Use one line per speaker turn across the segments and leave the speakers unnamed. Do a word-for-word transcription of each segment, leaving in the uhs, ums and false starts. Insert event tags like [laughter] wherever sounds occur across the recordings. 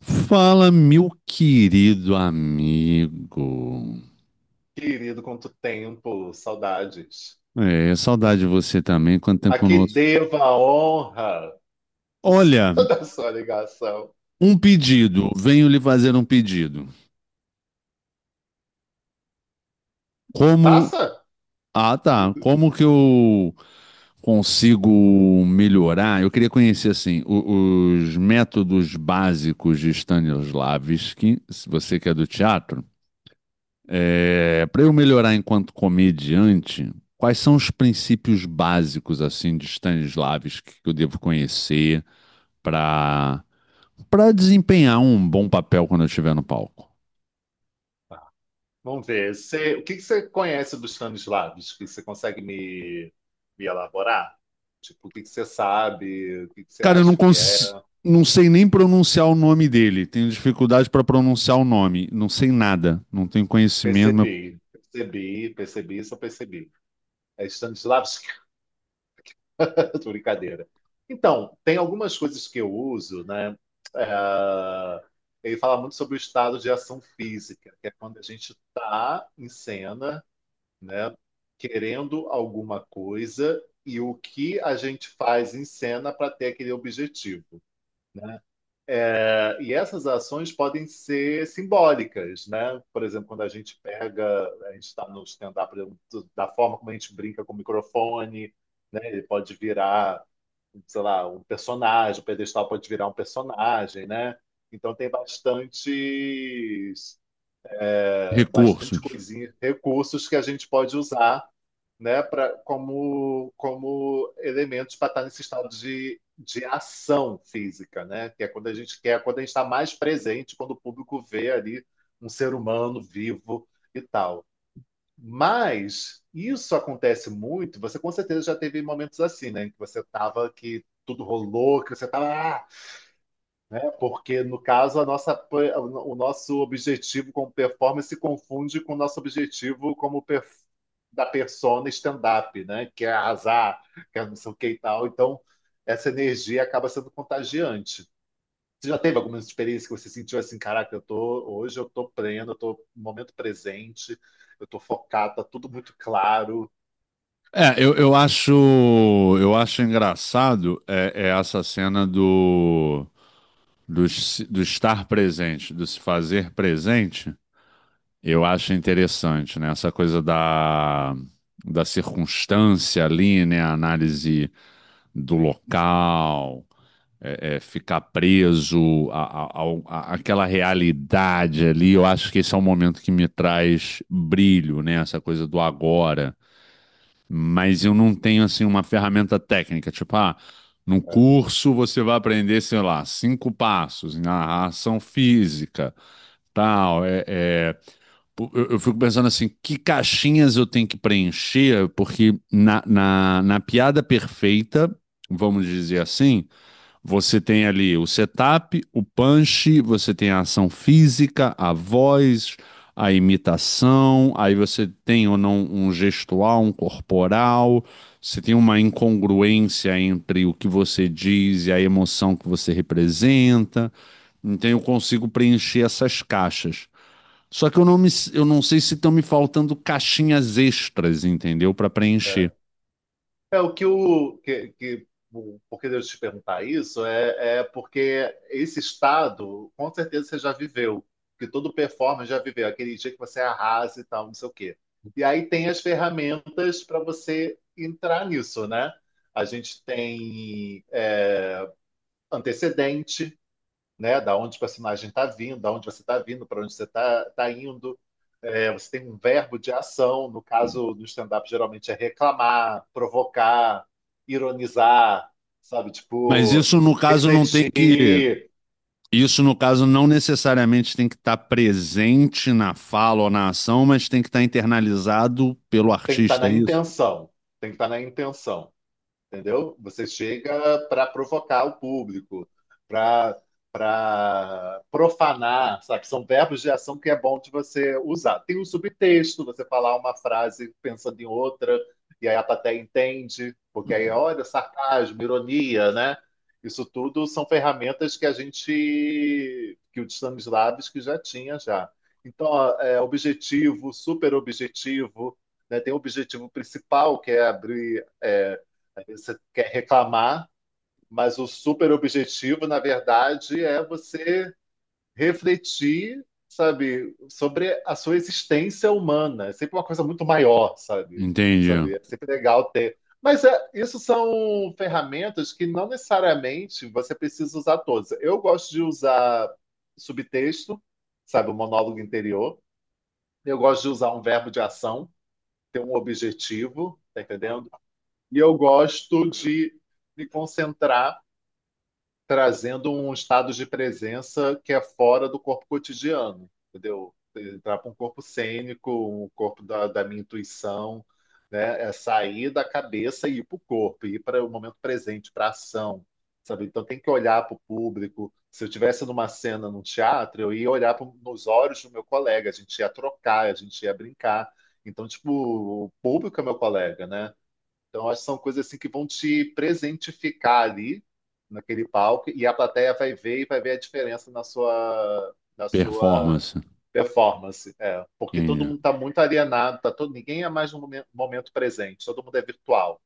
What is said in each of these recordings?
Fala, meu querido amigo.
Querido, quanto tempo, saudades.
É, saudade de você também. Quanto
A
tempo não
que
ouço.
devo a honra do seu-
Olha,
[laughs] da sua ligação.
um pedido. Venho lhe fazer um pedido. Como?
Passa?
Ah, tá. Como que eu consigo melhorar? Eu queria conhecer, assim, o- os métodos básicos de Stanislavski, se você que é do teatro. É, para eu melhorar enquanto comediante, quais são os princípios básicos assim de Stanislavski que eu devo conhecer para para desempenhar um bom papel quando eu estiver no palco?
Vamos ver. Você- o que que você conhece dos Stanislavski? Você consegue me, me elaborar? Tipo, o que que você sabe? O que que você
Cara, eu não
acha que é?
cons... não sei nem pronunciar o nome dele. Tenho dificuldade para pronunciar o nome. Não sei nada. Não tenho conhecimento, não.
Percebi, percebi, percebi, só percebi. É Stanislavski? [laughs] Eu tô brincadeira. Então, tem algumas coisas que eu uso, né? É, Ele fala muito sobre o estado de ação física, que é quando a gente tá em cena, né? Querendo alguma coisa e o que a gente faz em cena para ter aquele objetivo. É, E essas ações podem ser simbólicas, né? Por exemplo, quando a gente pega, a gente está no stand-up, por exemplo, da forma como a gente brinca com o microfone, né? Ele pode virar sei lá, um personagem, o pedestal pode virar um personagem, né? Então tem bastante bastante
Recursos.
coisinha, recursos que a gente pode usar, né, para como como elementos para estar nesse estado de, de ação física, né? Que é quando a gente quer, quando a gente está mais presente, quando o público vê ali um ser humano vivo e tal. Mas isso acontece muito. Você com certeza já teve momentos assim, né? Em que você tava que tudo rolou, que você tava, ah, né? Porque no caso a nossa, pe- o nosso objetivo como performance se confunde com o nosso objetivo como per- da persona stand-up, né? Que é arrasar, que é não sei o que e tal. Então essa energia acaba sendo contagiante. Você já teve alguma experiência que você sentiu assim, caraca, eu tô hoje eu tô pleno, eu tô no momento presente, eu tô focado, tá tudo muito claro.
É, eu, eu acho eu acho engraçado é, é essa cena do do, se- do estar presente, do se fazer presente, eu acho interessante, né? Essa coisa da, da circunstância ali, né? A análise do local, é, é, ficar preso a, a- ao- a- àquela realidade ali. Eu acho que esse é um momento que me traz brilho, né? Essa coisa do agora, mas eu não tenho assim uma ferramenta técnica, tipo, ah, no curso você vai aprender, sei lá, cinco passos na ação física, tal. É, é, pô, eu, eu fico pensando assim, que caixinhas eu tenho que preencher, porque na, na, na piada perfeita, vamos dizer assim, você tem ali o setup, o punch, você tem a ação física, a voz, a imitação, aí você tem ou não um gestual, um corporal, você tem uma incongruência entre o que você diz e a emoção que você representa. Então eu consigo preencher essas caixas. Só que eu não, me, eu não sei se estão me faltando caixinhas extras, entendeu? Para preencher.
É, É, o que o que, que o- por que eu te perguntar isso é, é porque esse estado, com certeza você já viveu, que todo performer já viveu, aquele dia que você arrasa e tal, não sei o quê. E aí tem as ferramentas para você entrar nisso, né? A gente tem é, antecedente, né? Da onde o personagem está vindo, da onde você está vindo, para onde você está tá indo. É, você tem um verbo de ação, no caso do stand-up, geralmente é reclamar, provocar, ironizar, sabe?
Mas
Tipo,
isso, no caso, não tem que...
refletir.
Isso, no caso, não necessariamente tem que estar presente na fala ou na ação, mas tem que estar internalizado pelo
Tem que estar
artista,
na
é isso?
intenção. Tem que estar na intenção. Entendeu? Você chega para provocar o público, para para profanar, sabe? São verbos de ação que é bom de você usar. Tem um subtexto, você falar uma frase pensando em outra, e aí a plateia entende, porque aí, olha, sarcasmo, ironia, né? Isso tudo são ferramentas que a gente, que o Stanislavski já tinha já. Então, ó, é objetivo, super objetivo, né? Tem o objetivo principal, que é abrir, é, às vezes você quer reclamar, mas o super objetivo, na verdade, é você refletir, sabe, sobre a sua existência humana. É sempre uma coisa muito maior, sabe?
Entendi.
Sabe? É sempre legal ter. Mas é, isso são ferramentas que não necessariamente você precisa usar todas. Eu gosto de usar subtexto, sabe, o monólogo interior. Eu gosto de usar um verbo de ação, ter um objetivo, tá entendendo? E eu gosto de me concentrar trazendo um estado de presença que é fora do corpo cotidiano, entendeu? Entrar para um corpo cênico, um corpo da, da minha intuição, né? É sair da cabeça e ir para o corpo, ir para o momento presente, para a ação, sabe? Então tem que olhar para o público. Se eu tivesse numa cena num teatro, eu ia olhar pro, nos olhos do meu colega, a gente ia trocar, a gente ia brincar. Então, tipo, o público é meu colega, né? Então, acho que são coisas assim que vão te presentificar ali naquele palco e a plateia vai ver e vai ver a diferença na sua na sua
Performance.
performance, é, porque todo
Entendi.
mundo está muito alienado, tá todo ninguém é mais no momen- momento presente, todo mundo é virtual,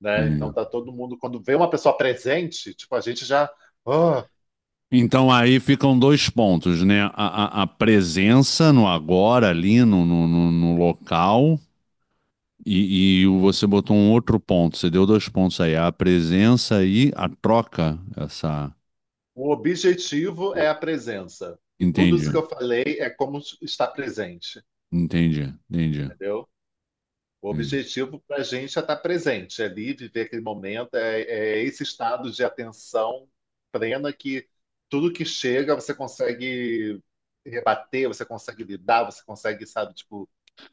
né? Então
Entendi.
tá todo mundo quando vê uma pessoa presente, tipo a gente já, ah,
Então aí ficam dois pontos, né? A, a- a presença no agora, ali no, no, no- no local, e, e você botou um outro ponto, você deu dois pontos aí, a presença e a troca, essa.
o objetivo é a presença e tudo isso que
Entendi,
eu falei é como estar presente,
entendi, entendi,
entendeu? O
entendi.
objetivo para a gente é estar presente, é ali viver aquele momento, é, é esse estado de atenção plena que tudo que chega você consegue rebater, você consegue lidar, você consegue, sabe, tipo,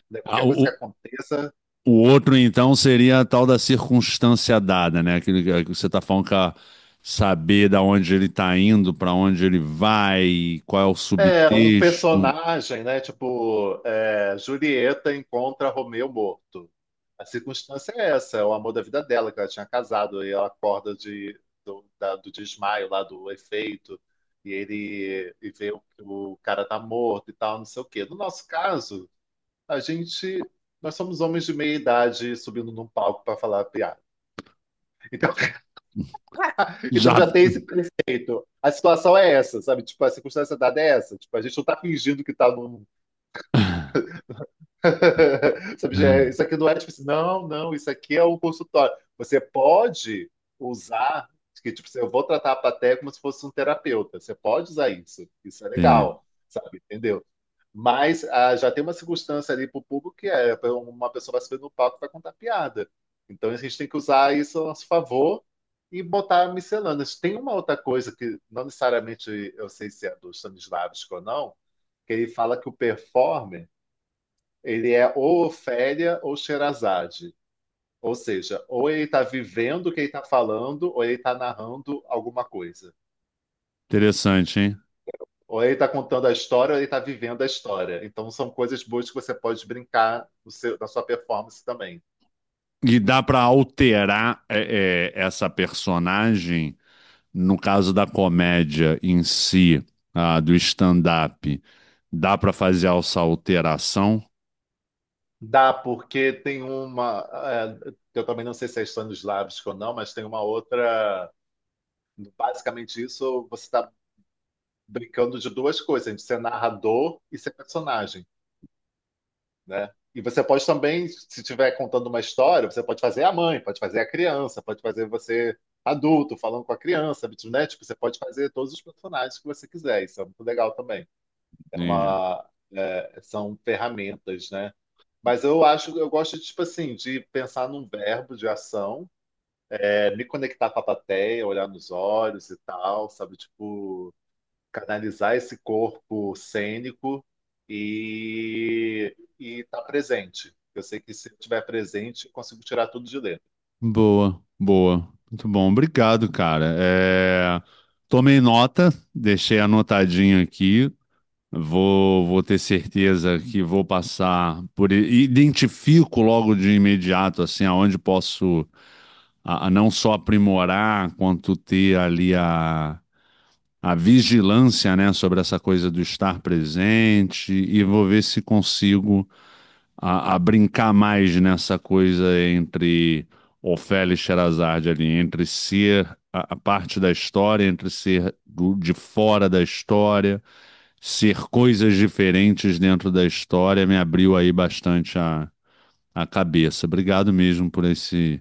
né,
Ah,
qualquer coisa que
o,
aconteça.
O outro, então, seria a tal da circunstância dada, né? Aquilo que que você está falando, que a saber da onde ele está indo, para onde ele vai, qual é o
É, um
subtexto.
personagem, né? Tipo, é, Julieta encontra Romeu morto. A circunstância é essa, é o amor da vida dela, que ela tinha casado, e ela acorda de, do, da- do desmaio lá, do efeito, e ele e vê o, que o cara tá morto e tal, não sei o quê. No nosso caso, a gente, nós somos homens de meia idade subindo num palco para falar piada. Então, [laughs] então
Já.
já tem esse preceito. A situação é essa, sabe? Tipo, a circunstância dada é essa. Tipo, a gente não tá fingindo que tá num
[laughs]
[laughs] sabe, já é- isso aqui não é tipo assim, não, não, isso aqui é um consultório. Você pode usar, que tipo, assim, eu vou tratar a plateia como se fosse um terapeuta. Você pode usar isso, isso é
Entendi.
legal, sabe? Entendeu? Mas ah, já tem uma circunstância ali pro público que é uma pessoa vai subir no palco e vai contar piada. Então a gente tem que usar isso a nosso favor e botar miscelâneas. Tem uma outra coisa que não necessariamente eu sei se é do Stanislavski ou não, que ele fala que o performer ele é ou Ofélia ou Sherazade. Ou seja, ou ele está vivendo o que ele está falando, ou ele está narrando alguma coisa.
Interessante, hein?
Ou ele está contando a história, ou ele está vivendo a história. Então, são coisas boas que você pode brincar no seu- na sua performance também.
E dá para alterar é, é, essa personagem, no caso da comédia em si, ah, do stand-up, dá para fazer essa alteração?
Dá, porque tem uma. É, eu também não sei se é Stanislavski ou não, mas tem uma outra. Basicamente, isso você está brincando de duas coisas: de ser narrador e ser personagem. Né? E você pode também, se estiver contando uma história, você pode fazer a mãe, pode fazer a criança, pode fazer você adulto falando com a criança, né? Tipo, você pode fazer todos os personagens que você quiser. Isso é muito legal também. É
Entendi.
uma, é, são ferramentas, né? Mas eu acho, eu gosto, tipo assim, de pensar num verbo de ação, é, me conectar com a plateia, olhar nos olhos e tal, sabe? Tipo, canalizar esse corpo cênico e estar presente. Eu sei que se eu estiver presente, eu consigo tirar tudo de letra.
Boa, boa. Muito bom. Obrigado, cara. É, tomei nota, deixei anotadinho aqui. Vou, vou ter certeza que vou passar por. i- Identifico logo de imediato, assim, aonde posso a, a não só aprimorar, quanto ter ali a, a vigilância, né, sobre essa coisa do estar presente. E vou ver se consigo a, a brincar mais nessa coisa entre Ofélia e Sherazade ali, entre ser a, a parte da história, entre ser do- de fora da história, ser coisas diferentes dentro da história, me abriu aí bastante a, a cabeça. Obrigado mesmo por esse,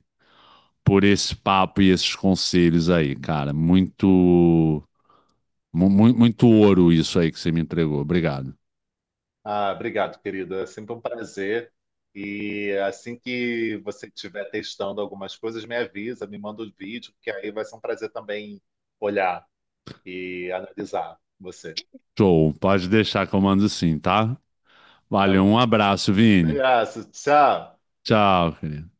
por esse papo e esses conselhos aí, cara. Muito, mu- mu- muito ouro isso aí que você me entregou. Obrigado.
Ah, obrigado, querida. É sempre um prazer. E assim que você estiver testando algumas coisas, me avisa, me manda o vídeo, que aí vai ser um prazer também olhar e analisar você.
Show, pode deixar que eu mando sim, tá?
Tá
Valeu,
bom.
um abraço, Vini.
Obrigado. Tchau.
Tchau, querido.